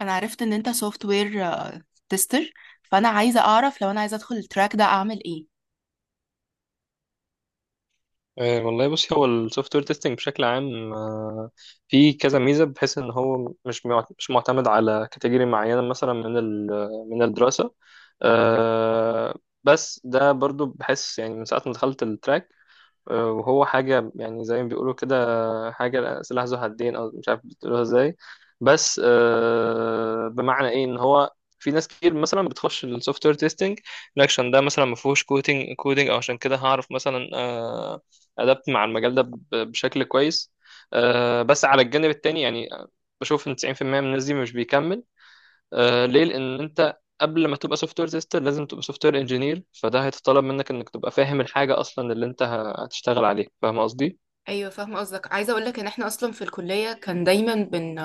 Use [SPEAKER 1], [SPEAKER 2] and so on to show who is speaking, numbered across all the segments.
[SPEAKER 1] انا عرفت ان انت سوفت وير تيستر، فانا عايزه اعرف لو انا عايزه ادخل التراك ده اعمل ايه.
[SPEAKER 2] والله بص، هو السوفت وير تيستنج بشكل عام، فيه كذا ميزه، بحيث ان هو مش معتمد على كاتيجوري معينه، مثلا من الدراسه. آه، بس ده برضو بحس يعني من ساعه ما دخلت التراك. وهو حاجة يعني زي ما بيقولوا كده، حاجة سلاح ذو حدين، أو مش عارف بتقولوها إزاي. بس بمعنى إيه؟ إن هو في ناس كتير مثلا بتخش السوفت وير تيستنج عشان ده مثلا ما فيهوش كودينج كودينج، او عشان كده هعرف مثلا ادابت مع المجال ده بشكل كويس. بس على الجانب التاني يعني بشوف ان 90% من الناس دي مش بيكمل. ليه؟ لان انت قبل ما تبقى سوفت وير تيستر لازم تبقى سوفت وير انجينير، فده هيتطلب منك انك تبقى فاهم الحاجه اصلا اللي انت هتشتغل عليها. فاهم قصدي؟
[SPEAKER 1] ايوه فاهمه قصدك. عايزه اقول لك ان احنا اصلا في الكليه كان دايما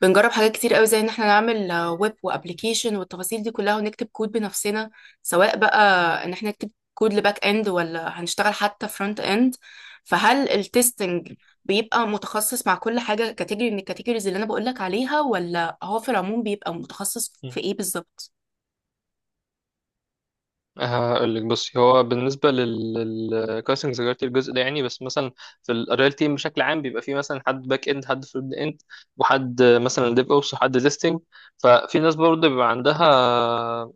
[SPEAKER 1] بنجرب حاجات كتير قوي، زي ان احنا نعمل ويب وابلكيشن والتفاصيل دي كلها، ونكتب كود بنفسنا، سواء بقى ان احنا نكتب كود لباك اند ولا هنشتغل حتى فرونت اند. فهل التستنج بيبقى متخصص مع كل حاجه كاتيجوري من الكاتيجوريز اللي انا بقول لك عليها، ولا هو في العموم بيبقى متخصص
[SPEAKER 2] مم.
[SPEAKER 1] في ايه بالظبط؟
[SPEAKER 2] هقول لك، بصي، هو بالنسبه للكاستنج ذكرت الجزء ده يعني، بس مثلا في الريال تيم بشكل عام بيبقى فيه مثلا حد باك اند، حد فرونت اند، وحد مثلا ديف اوبس، وحد تيستنج. ففي ناس برضه بيبقى عندها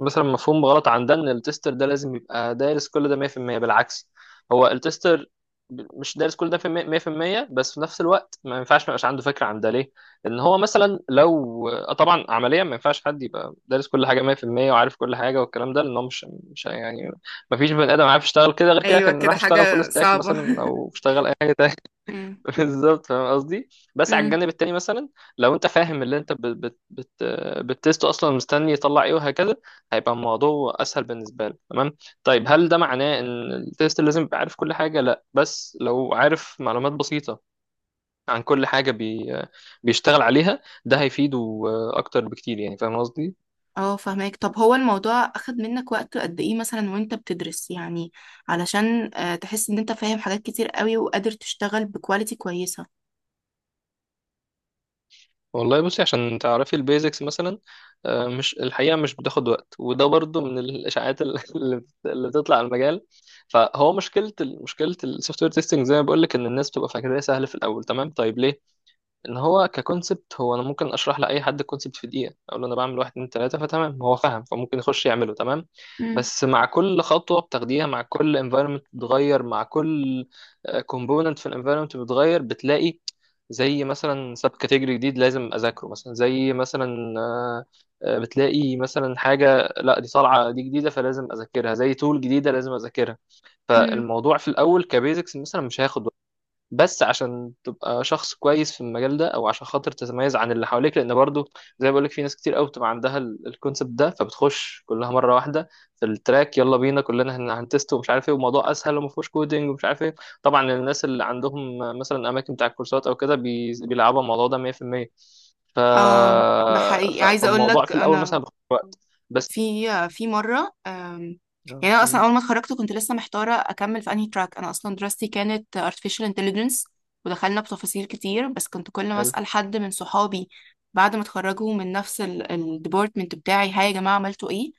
[SPEAKER 2] مثلا مفهوم غلط عندنا، ان التستر ده لازم يبقى دارس كل ده 100%. بالعكس، هو التستر مش دارس كل ده في 100%، بس في نفس الوقت ما ينفعش ما يبقاش عنده فكره عن ده. ليه؟ لان هو مثلا لو طبعا عمليا ما ينفعش حد يبقى دارس كل حاجه 100% وعارف كل حاجه والكلام ده. لان هو مش يعني، ما فيش بني ادم عارف يشتغل كده. غير كده
[SPEAKER 1] ايوه
[SPEAKER 2] كان راح
[SPEAKER 1] كده،
[SPEAKER 2] يشتغل فول
[SPEAKER 1] حاجة
[SPEAKER 2] ستاك
[SPEAKER 1] صعبة.
[SPEAKER 2] مثلا، او اشتغل اي حاجه.
[SPEAKER 1] امم
[SPEAKER 2] بالظبط، فاهم قصدي. بس على
[SPEAKER 1] امم
[SPEAKER 2] الجانب التاني مثلا لو انت فاهم اللي انت بت بت بت بتست اصلا، مستني يطلع ايه وهكذا، هيبقى الموضوع اسهل بالنسبه له. تمام. طيب هل ده معناه ان التيست لازم يبقى عارف كل حاجه؟ لا، بس لو عارف معلومات بسيطه عن كل حاجه بيشتغل عليها، ده هيفيده اكتر بكتير يعني. فاهم قصدي؟
[SPEAKER 1] اه فهماك. طب هو الموضوع اخد منك وقت قد ايه مثلا وانت بتدرس يعني، علشان تحس ان انت فاهم حاجات كتير قوي وقادر تشتغل بكواليتي كويسة؟
[SPEAKER 2] والله بصي، عشان تعرفي البيزكس مثلا، مش، الحقيقة مش بتاخد وقت، وده برضو من الإشاعات اللي بتطلع على المجال. فهو مشكلة السوفت وير تيستنج زي ما بقول لك، إن الناس بتبقى فاكراه سهل في الأول. تمام طيب، ليه؟ ان هو ككونسبت، هو انا ممكن اشرح لاي حد الكونسبت في دقيقه، اقول له انا بعمل واحد اتنين تلاته، فتمام هو فاهم، فممكن يخش يعمله. تمام.
[SPEAKER 1] امم
[SPEAKER 2] بس مع كل خطوه بتاخديها، مع كل انفايرمنت بتتغير، مع كل كومبوننت في الانفايرمنت بتتغير، بتلاقي زي مثلا سب كاتيجوري جديد لازم اذاكره، مثلا زي مثلا بتلاقي مثلا حاجه، لا دي طالعه دي جديده فلازم اذاكرها، زي تول جديده لازم اذاكرها.
[SPEAKER 1] امم
[SPEAKER 2] فالموضوع في الاول كبيزكس مثلا مش هياخد، بس عشان تبقى شخص كويس في المجال ده، او عشان خاطر تتميز عن اللي حواليك، لان برضو زي ما بقولك في ناس كتير قوي بتبقى عندها الكونسبت ده، فبتخش كلها مره واحده في التراك، يلا بينا كلنا هنتست ومش عارف ايه، والموضوع اسهل وما فيهوش كودنج ومش عارف ايه. طبعا الناس اللي عندهم مثلا اماكن بتاع الكورسات او كده بيلعبوا الموضوع ده 100%. ف...
[SPEAKER 1] اه ده حقيقي. عايزة اقول
[SPEAKER 2] فالموضوع
[SPEAKER 1] لك
[SPEAKER 2] في الاول
[SPEAKER 1] انا،
[SPEAKER 2] مثلا بياخد وقت. بس.
[SPEAKER 1] في مرة
[SPEAKER 2] آه.
[SPEAKER 1] يعني أنا أصلا
[SPEAKER 2] مم.
[SPEAKER 1] أول ما اتخرجت كنت لسه محتارة أكمل في أنهي تراك. أنا أصلا دراستي كانت artificial intelligence ودخلنا بتفاصيل كتير، بس كنت كل ما
[SPEAKER 2] حلو.
[SPEAKER 1] أسأل حد من صحابي بعد ما اتخرجوا من نفس الديبارتمنت بتاعي، هاي يا جماعة عملتوا إيه،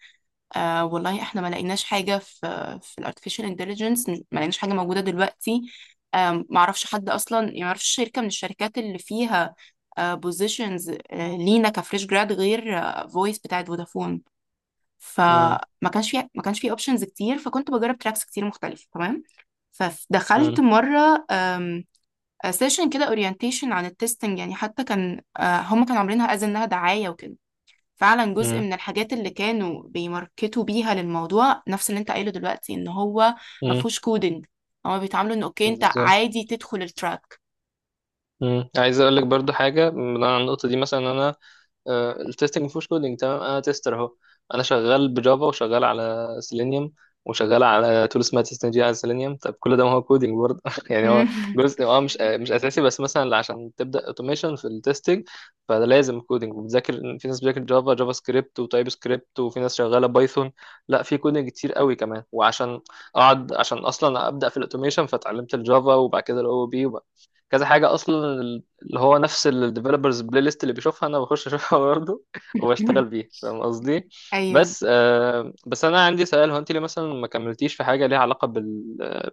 [SPEAKER 1] آه والله احنا ما لقيناش حاجة، في في الارتفيشال انتليجنس ما لقيناش حاجة موجودة دلوقتي. ما اعرفش حد اصلا، يعني ما اعرفش شركة من الشركات اللي فيها بوزيشنز لينا كفريش جراد غير فويس بتاعت فودافون.
[SPEAKER 2] مم.
[SPEAKER 1] فما كانش في، ما كانش في اوبشنز كتير، فكنت بجرب تراكس كتير مختلفه. تمام. فدخلت
[SPEAKER 2] مم.
[SPEAKER 1] مره سيشن كده اورينتيشن عن التستنج، يعني حتى كان هم كانوا عاملينها از انها دعايه وكده. فعلا جزء
[SPEAKER 2] مم.
[SPEAKER 1] من الحاجات اللي كانوا بيماركتوا بيها للموضوع نفس اللي انت قايله دلوقتي، ان هو ما
[SPEAKER 2] مم.
[SPEAKER 1] فيهوش كودنج. هما بيتعاملوا ان اوكي انت
[SPEAKER 2] بالظبط.
[SPEAKER 1] عادي تدخل التراك.
[SPEAKER 2] مم. عايز اقول لك برضو حاجه من على النقطه دي. مثلا انا التستنج مفيهوش كودينج، تمام، انا تيستر اهو. انا شغال بجافا، وشغال على سيلينيوم، وشغال على تول اسمها تستنج على سيلينيوم. طب كل ده ما هو كودينج برضه؟ يعني هو جزء، مش مش اساسي، بس مثلا عشان تبدا اوتوميشن في التستنج فده لازم كودينج. وبتذاكر، في ناس بتذاكر جافا، جافا سكريبت وتايب سكريبت، وفي ناس شغاله بايثون. لا، في كودينج كتير قوي كمان. وعشان اقعد، عشان اصلا ابدا في الاوتوميشن فتعلمت الجافا، وبعد كده OOP، كذا حاجه اصلا اللي هو نفس الديفلوبرز بلاي ليست اللي بيشوفها، انا بخش اشوفها برضه، وبشتغل بيها. فاهم قصدي؟
[SPEAKER 1] ايوه.
[SPEAKER 2] بس بس انا عندي سؤال، هو انت ليه مثلا ما كملتيش في حاجه ليها علاقه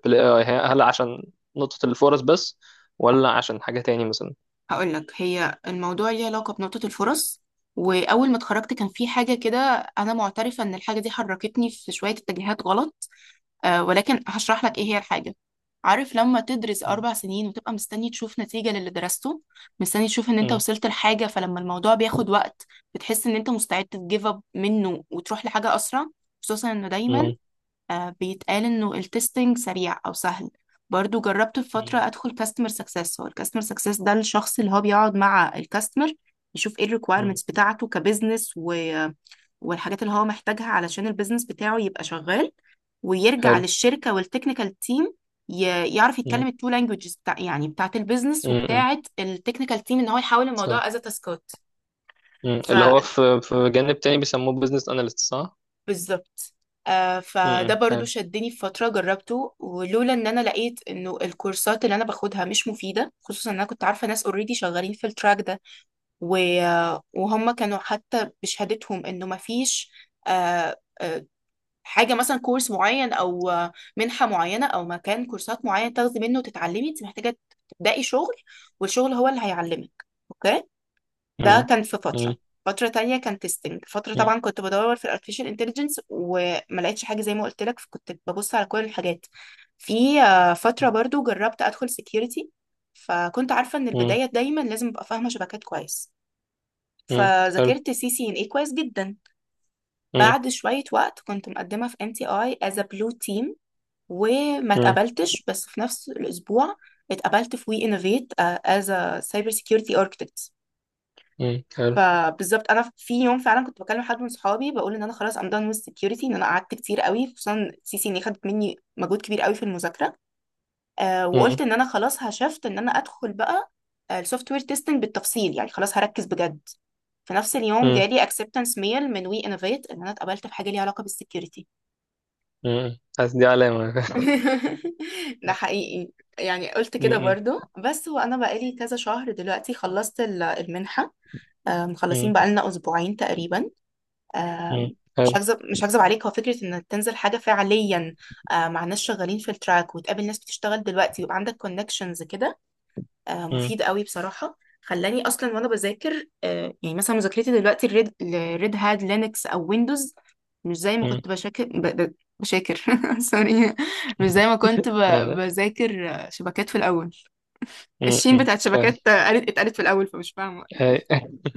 [SPEAKER 2] بالاي اي؟ هل عشان نقطه الفرص بس؟ ولا عشان حاجه تاني مثلا؟
[SPEAKER 1] هقول لك، هي الموضوع ليه علاقة بنقطة الفرص. وأول ما اتخرجت كان في حاجة كده، أنا معترفة إن الحاجة دي حركتني في شوية اتجاهات غلط، آه، ولكن هشرح لك إيه هي الحاجة. عارف لما تدرس
[SPEAKER 2] مم.
[SPEAKER 1] 4 سنين وتبقى مستني تشوف نتيجة للي درسته، مستني تشوف إن أنت
[SPEAKER 2] مم.
[SPEAKER 1] وصلت لحاجة، فلما الموضوع بياخد وقت بتحس إن أنت مستعد تجيف أب منه وتروح لحاجة أسرع، خصوصا إنه دايما
[SPEAKER 2] مم.
[SPEAKER 1] بيتقال انه التستنج سريع او سهل. برضو جربت في فترة
[SPEAKER 2] مم.
[SPEAKER 1] ادخل كاستمر سكسس. هو الكاستمر سكسس ده الشخص اللي هو بيقعد مع الكاستمر، يشوف ايه
[SPEAKER 2] مم.
[SPEAKER 1] الريكويرمنتس بتاعته كبزنس، والحاجات اللي هو محتاجها علشان البيزنس بتاعه يبقى شغال، ويرجع
[SPEAKER 2] حلو.
[SPEAKER 1] للشركة والتكنيكال تيم، ي... يعرف
[SPEAKER 2] مم.
[SPEAKER 1] يتكلم التو لانجوجز بتاع، يعني بتاعت البيزنس
[SPEAKER 2] مم. مم.
[SPEAKER 1] وبتاعت التكنيكال تيم، ان هو يحول
[SPEAKER 2] صح.
[SPEAKER 1] الموضوع از تاسكات.
[SPEAKER 2] مم. اللي هو في جانب تاني بيسموه بزنس اناليست. صح.
[SPEAKER 1] بالظبط. آه
[SPEAKER 2] مم.
[SPEAKER 1] فده
[SPEAKER 2] مم.
[SPEAKER 1] برضو
[SPEAKER 2] حلو.
[SPEAKER 1] شدني في فترة جربته، ولولا ان انا لقيت انه الكورسات اللي انا باخدها مش مفيدة، خصوصا ان انا كنت عارفة ناس اوريدي شغالين في التراك ده، و... آه، وهم كانوا حتى بشهادتهم انه مفيش آه آه حاجة، مثلا كورس معين او منحة معينة او مكان كورسات معين تاخدي منه وتتعلمي. انت محتاجة تبدأي شغل، والشغل هو اللي هيعلمك. اوكي.
[SPEAKER 2] مم.
[SPEAKER 1] ده كان في
[SPEAKER 2] مم.
[SPEAKER 1] فترة. فترة تانية كان تيستنج. فترة
[SPEAKER 2] مم.
[SPEAKER 1] طبعا كنت بدور في الارتفيشال انتليجنس وما لقيتش حاجة زي ما قلت لك، فكنت ببص على كل الحاجات. في فترة برضو جربت ادخل سكيورتي، فكنت عارفة ان
[SPEAKER 2] مم.
[SPEAKER 1] البداية دايما لازم ابقى فاهمة شبكات كويس،
[SPEAKER 2] مم. حلو.
[SPEAKER 1] فذاكرت سي سي ان اي كويس جدا.
[SPEAKER 2] مم.
[SPEAKER 1] بعد شوية وقت كنت مقدمة في ام تي اي از بلو تيم وما اتقبلتش، بس في نفس الاسبوع اتقبلت في وي انوفيت از سايبر سكيورتي architect.
[SPEAKER 2] مم. حلو.
[SPEAKER 1] فبالظبط انا في يوم فعلا كنت بكلم حد من صحابي بقول ان انا خلاص، ام done with security، ان انا قعدت كتير قوي خصوصا سي سي ان خدت مني مجهود كبير قوي في المذاكره. آه وقلت ان انا خلاص هشفت ان انا ادخل بقى السوفت وير تيستنج بالتفصيل، يعني خلاص هركز بجد. في نفس اليوم
[SPEAKER 2] مم.
[SPEAKER 1] جالي acceptance mail من وي انوفيت ان انا اتقبلت في حاجه ليها علاقه بالسكيورتي.
[SPEAKER 2] مم. حاسس دي علامة.
[SPEAKER 1] ده حقيقي. يعني قلت كده
[SPEAKER 2] مم.
[SPEAKER 1] برضو. بس هو انا بقالي كذا شهر دلوقتي، خلصت المنحه، مخلصين
[SPEAKER 2] مم.
[SPEAKER 1] بقالنا 2 اسبوع تقريبا.
[SPEAKER 2] مم.
[SPEAKER 1] آم، مش
[SPEAKER 2] حلو.
[SPEAKER 1] هكذب مش هكذب عليك، هو فكرة انك تنزل حاجة فعليا مع ناس شغالين في التراك، وتقابل ناس بتشتغل دلوقتي ويبقى عندك كونكشنز كده،
[SPEAKER 2] مم.
[SPEAKER 1] مفيد قوي بصراحة. خلاني اصلا وانا بذاكر مثلا مذاكرتي دلوقتي الريد الريد هات لينكس او ويندوز، مش زي ما
[SPEAKER 2] مم.
[SPEAKER 1] كنت بشاكر. سوري، مش زي ما كنت
[SPEAKER 2] لا.
[SPEAKER 1] بذاكر شبكات في الاول. الشين
[SPEAKER 2] م-م.
[SPEAKER 1] بتاعت
[SPEAKER 2] فاهم.
[SPEAKER 1] شبكات آه، قالت اتقالت في الاول فمش فاهمة.
[SPEAKER 2] أي-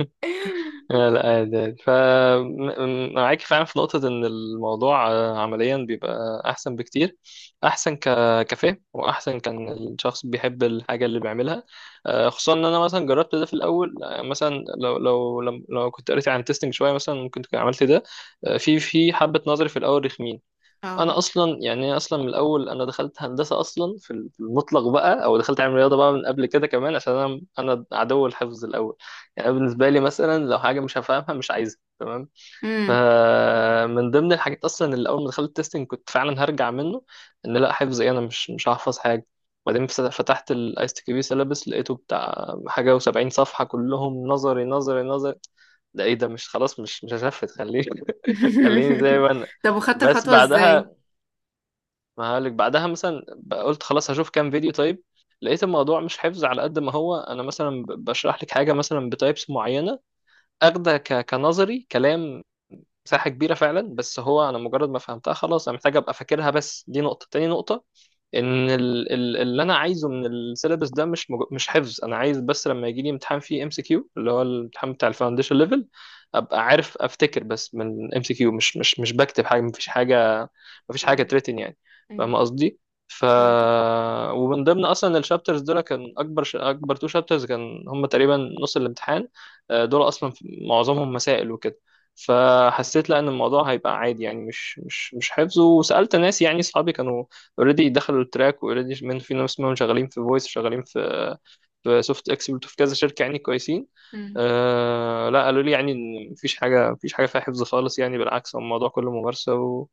[SPEAKER 2] لا لا، عادي عادي. فمعاك فعلا في نقطة، إن الموضوع عمليا بيبقى أحسن بكتير، أحسن كفهم، وأحسن كان الشخص بيحب الحاجة اللي بيعملها. خصوصا إن أنا مثلا جربت ده في الأول. مثلا لو كنت قريت عن تيستنج شوية مثلا، ممكن كنت عملت ده. في حبة نظري في الأول، رخمين. انا اصلا يعني أنا اصلا من الاول، انا دخلت هندسه اصلا، في المطلق بقى، او دخلت علم رياضه بقى من قبل كده كمان، عشان انا عدو الحفظ الاول. يعني أنا بالنسبه لي مثلا، لو حاجه مش هفهمها مش عايزها. تمام.
[SPEAKER 1] اه.
[SPEAKER 2] فمن ضمن الحاجات اصلا، اللي اول ما دخلت التستنج كنت فعلا هرجع منه، ان لا، حفظ ايه، انا مش هحفظ حاجه. وبعدين فتحت الايس تي بي سيلابس، لقيته بتاع حاجه و70 صفحه كلهم نظري نظري نظري. ده ايه ده؟ مش خلاص، مش هشفت، خليني. خليني زي ما انا.
[SPEAKER 1] طب وخدت
[SPEAKER 2] بس
[SPEAKER 1] الخطوة ازاي؟
[SPEAKER 2] بعدها، ما هقولك، بعدها مثلا قلت خلاص هشوف كام فيديو. طيب لقيت الموضوع مش حفظ على قد ما هو، انا مثلا بشرح لك حاجه مثلا بتايبس معينه، اخده كنظري كلام، مساحه كبيره فعلا. بس هو انا مجرد ما فهمتها خلاص انا محتاج ابقى فاكرها. بس دي نقطه، تاني نقطه، ان اللي انا عايزه من السيلابس ده مش مش حفظ. انا عايز بس لما يجي لي امتحان فيه MCQ، اللي هو الامتحان بتاع الفاونديشن ليفل، ابقى عارف افتكر. بس من MCQ، مش بكتب حاجه. مفيش حاجه، مفيش حاجه
[SPEAKER 1] مم.
[SPEAKER 2] تريتن يعني. فاهم
[SPEAKER 1] مم.
[SPEAKER 2] قصدي؟ ف
[SPEAKER 1] فهمتك.
[SPEAKER 2] ومن ضمن اصلا الشابترز دول، كان اكبر اكبر تو شابترز كان هم تقريبا نص الامتحان. دول اصلا معظمهم مسائل وكده. فحسيت لا، ان الموضوع هيبقى عادي يعني، مش حفظ. وسالت ناس يعني، اصحابي كانوا اوريدي دخلوا التراك، واوريدي في ناس منهم شغالين في فويس، شغالين في سوفت اكسبرت، وفي كذا شركه يعني كويسين.
[SPEAKER 1] مم.
[SPEAKER 2] لا، قالوا لي يعني ان مفيش حاجه، مفيش حاجه فيها حفظ خالص يعني. بالعكس، هو الموضوع كله ممارسه، و...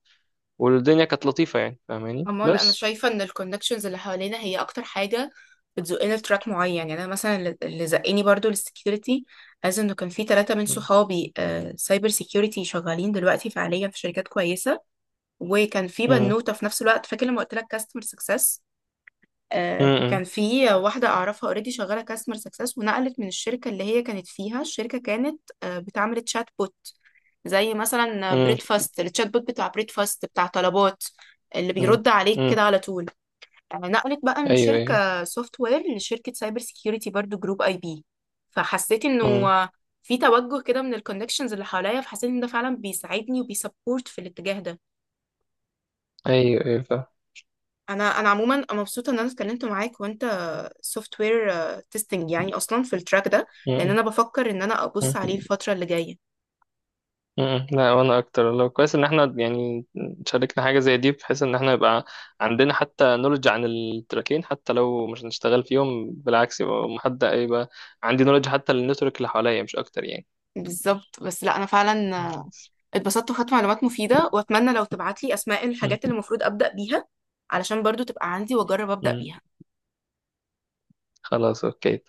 [SPEAKER 2] والدنيا كانت لطيفه يعني، فاهماني.
[SPEAKER 1] عموما انا
[SPEAKER 2] بس.
[SPEAKER 1] شايفه ان الكونكشنز اللي حوالينا هي اكتر حاجه بتزقنا لتراك معين. يعني انا مثلا اللي زقني برضو للسكيورتي، از انه كان في 3 من
[SPEAKER 2] مم.
[SPEAKER 1] صحابي سايبر سيكيورتي شغالين دلوقتي فعليا في شركات كويسه، وكان في
[SPEAKER 2] مم.
[SPEAKER 1] بنوته في نفس الوقت، فاكر لما قلت لك كاستمر سكسس،
[SPEAKER 2] مم.
[SPEAKER 1] كان في واحدة أعرفها اوريدي شغالة كاستمر سكسس، ونقلت من الشركة اللي هي كانت فيها. الشركة كانت بتعمل تشات بوت، زي مثلا
[SPEAKER 2] مم.
[SPEAKER 1] بريد فاست، التشات بوت بتاع بريد فاست بتاع طلبات اللي
[SPEAKER 2] مم.
[SPEAKER 1] بيرد عليك
[SPEAKER 2] مم.
[SPEAKER 1] كده على طول. نقلت بقى من
[SPEAKER 2] ايوه ايوه.
[SPEAKER 1] شركة سوفت وير لشركة سايبر سيكيورتي، برضو جروب اي بي. فحسيت انه
[SPEAKER 2] مم.
[SPEAKER 1] في توجه كده من الكونكشنز اللي حواليا، فحسيت ان ده فعلا بيساعدني وبيسبورت في الاتجاه ده.
[SPEAKER 2] ايوه ايوه، فاهم.
[SPEAKER 1] انا انا عموما مبسوطه ان انا اتكلمت معاك، وانت سوفت وير تيستنج يعني اصلا في التراك ده، لان
[SPEAKER 2] مم.
[SPEAKER 1] انا بفكر ان انا ابص عليه
[SPEAKER 2] مم.
[SPEAKER 1] الفتره اللي جايه.
[SPEAKER 2] مم. لا، وانا اكتر، لو كويس ان احنا يعني شاركنا حاجه زي دي، بحيث ان احنا يبقى عندنا حتى نولج عن التراكين، حتى لو مش هنشتغل فيهم. بالعكس، يبقى محد، يبقى عندي نولج حتى للنتورك اللي حواليا، مش اكتر يعني.
[SPEAKER 1] بالظبط. بس لا انا فعلا اتبسطت وخدت معلومات مفيده، واتمنى لو تبعت لي اسماء
[SPEAKER 2] مم.
[SPEAKER 1] الحاجات اللي المفروض ابدا بيها، علشان برضو تبقى عندي واجرب ابدا
[SPEAKER 2] مم.
[SPEAKER 1] بيها.
[SPEAKER 2] خلاص اوكي.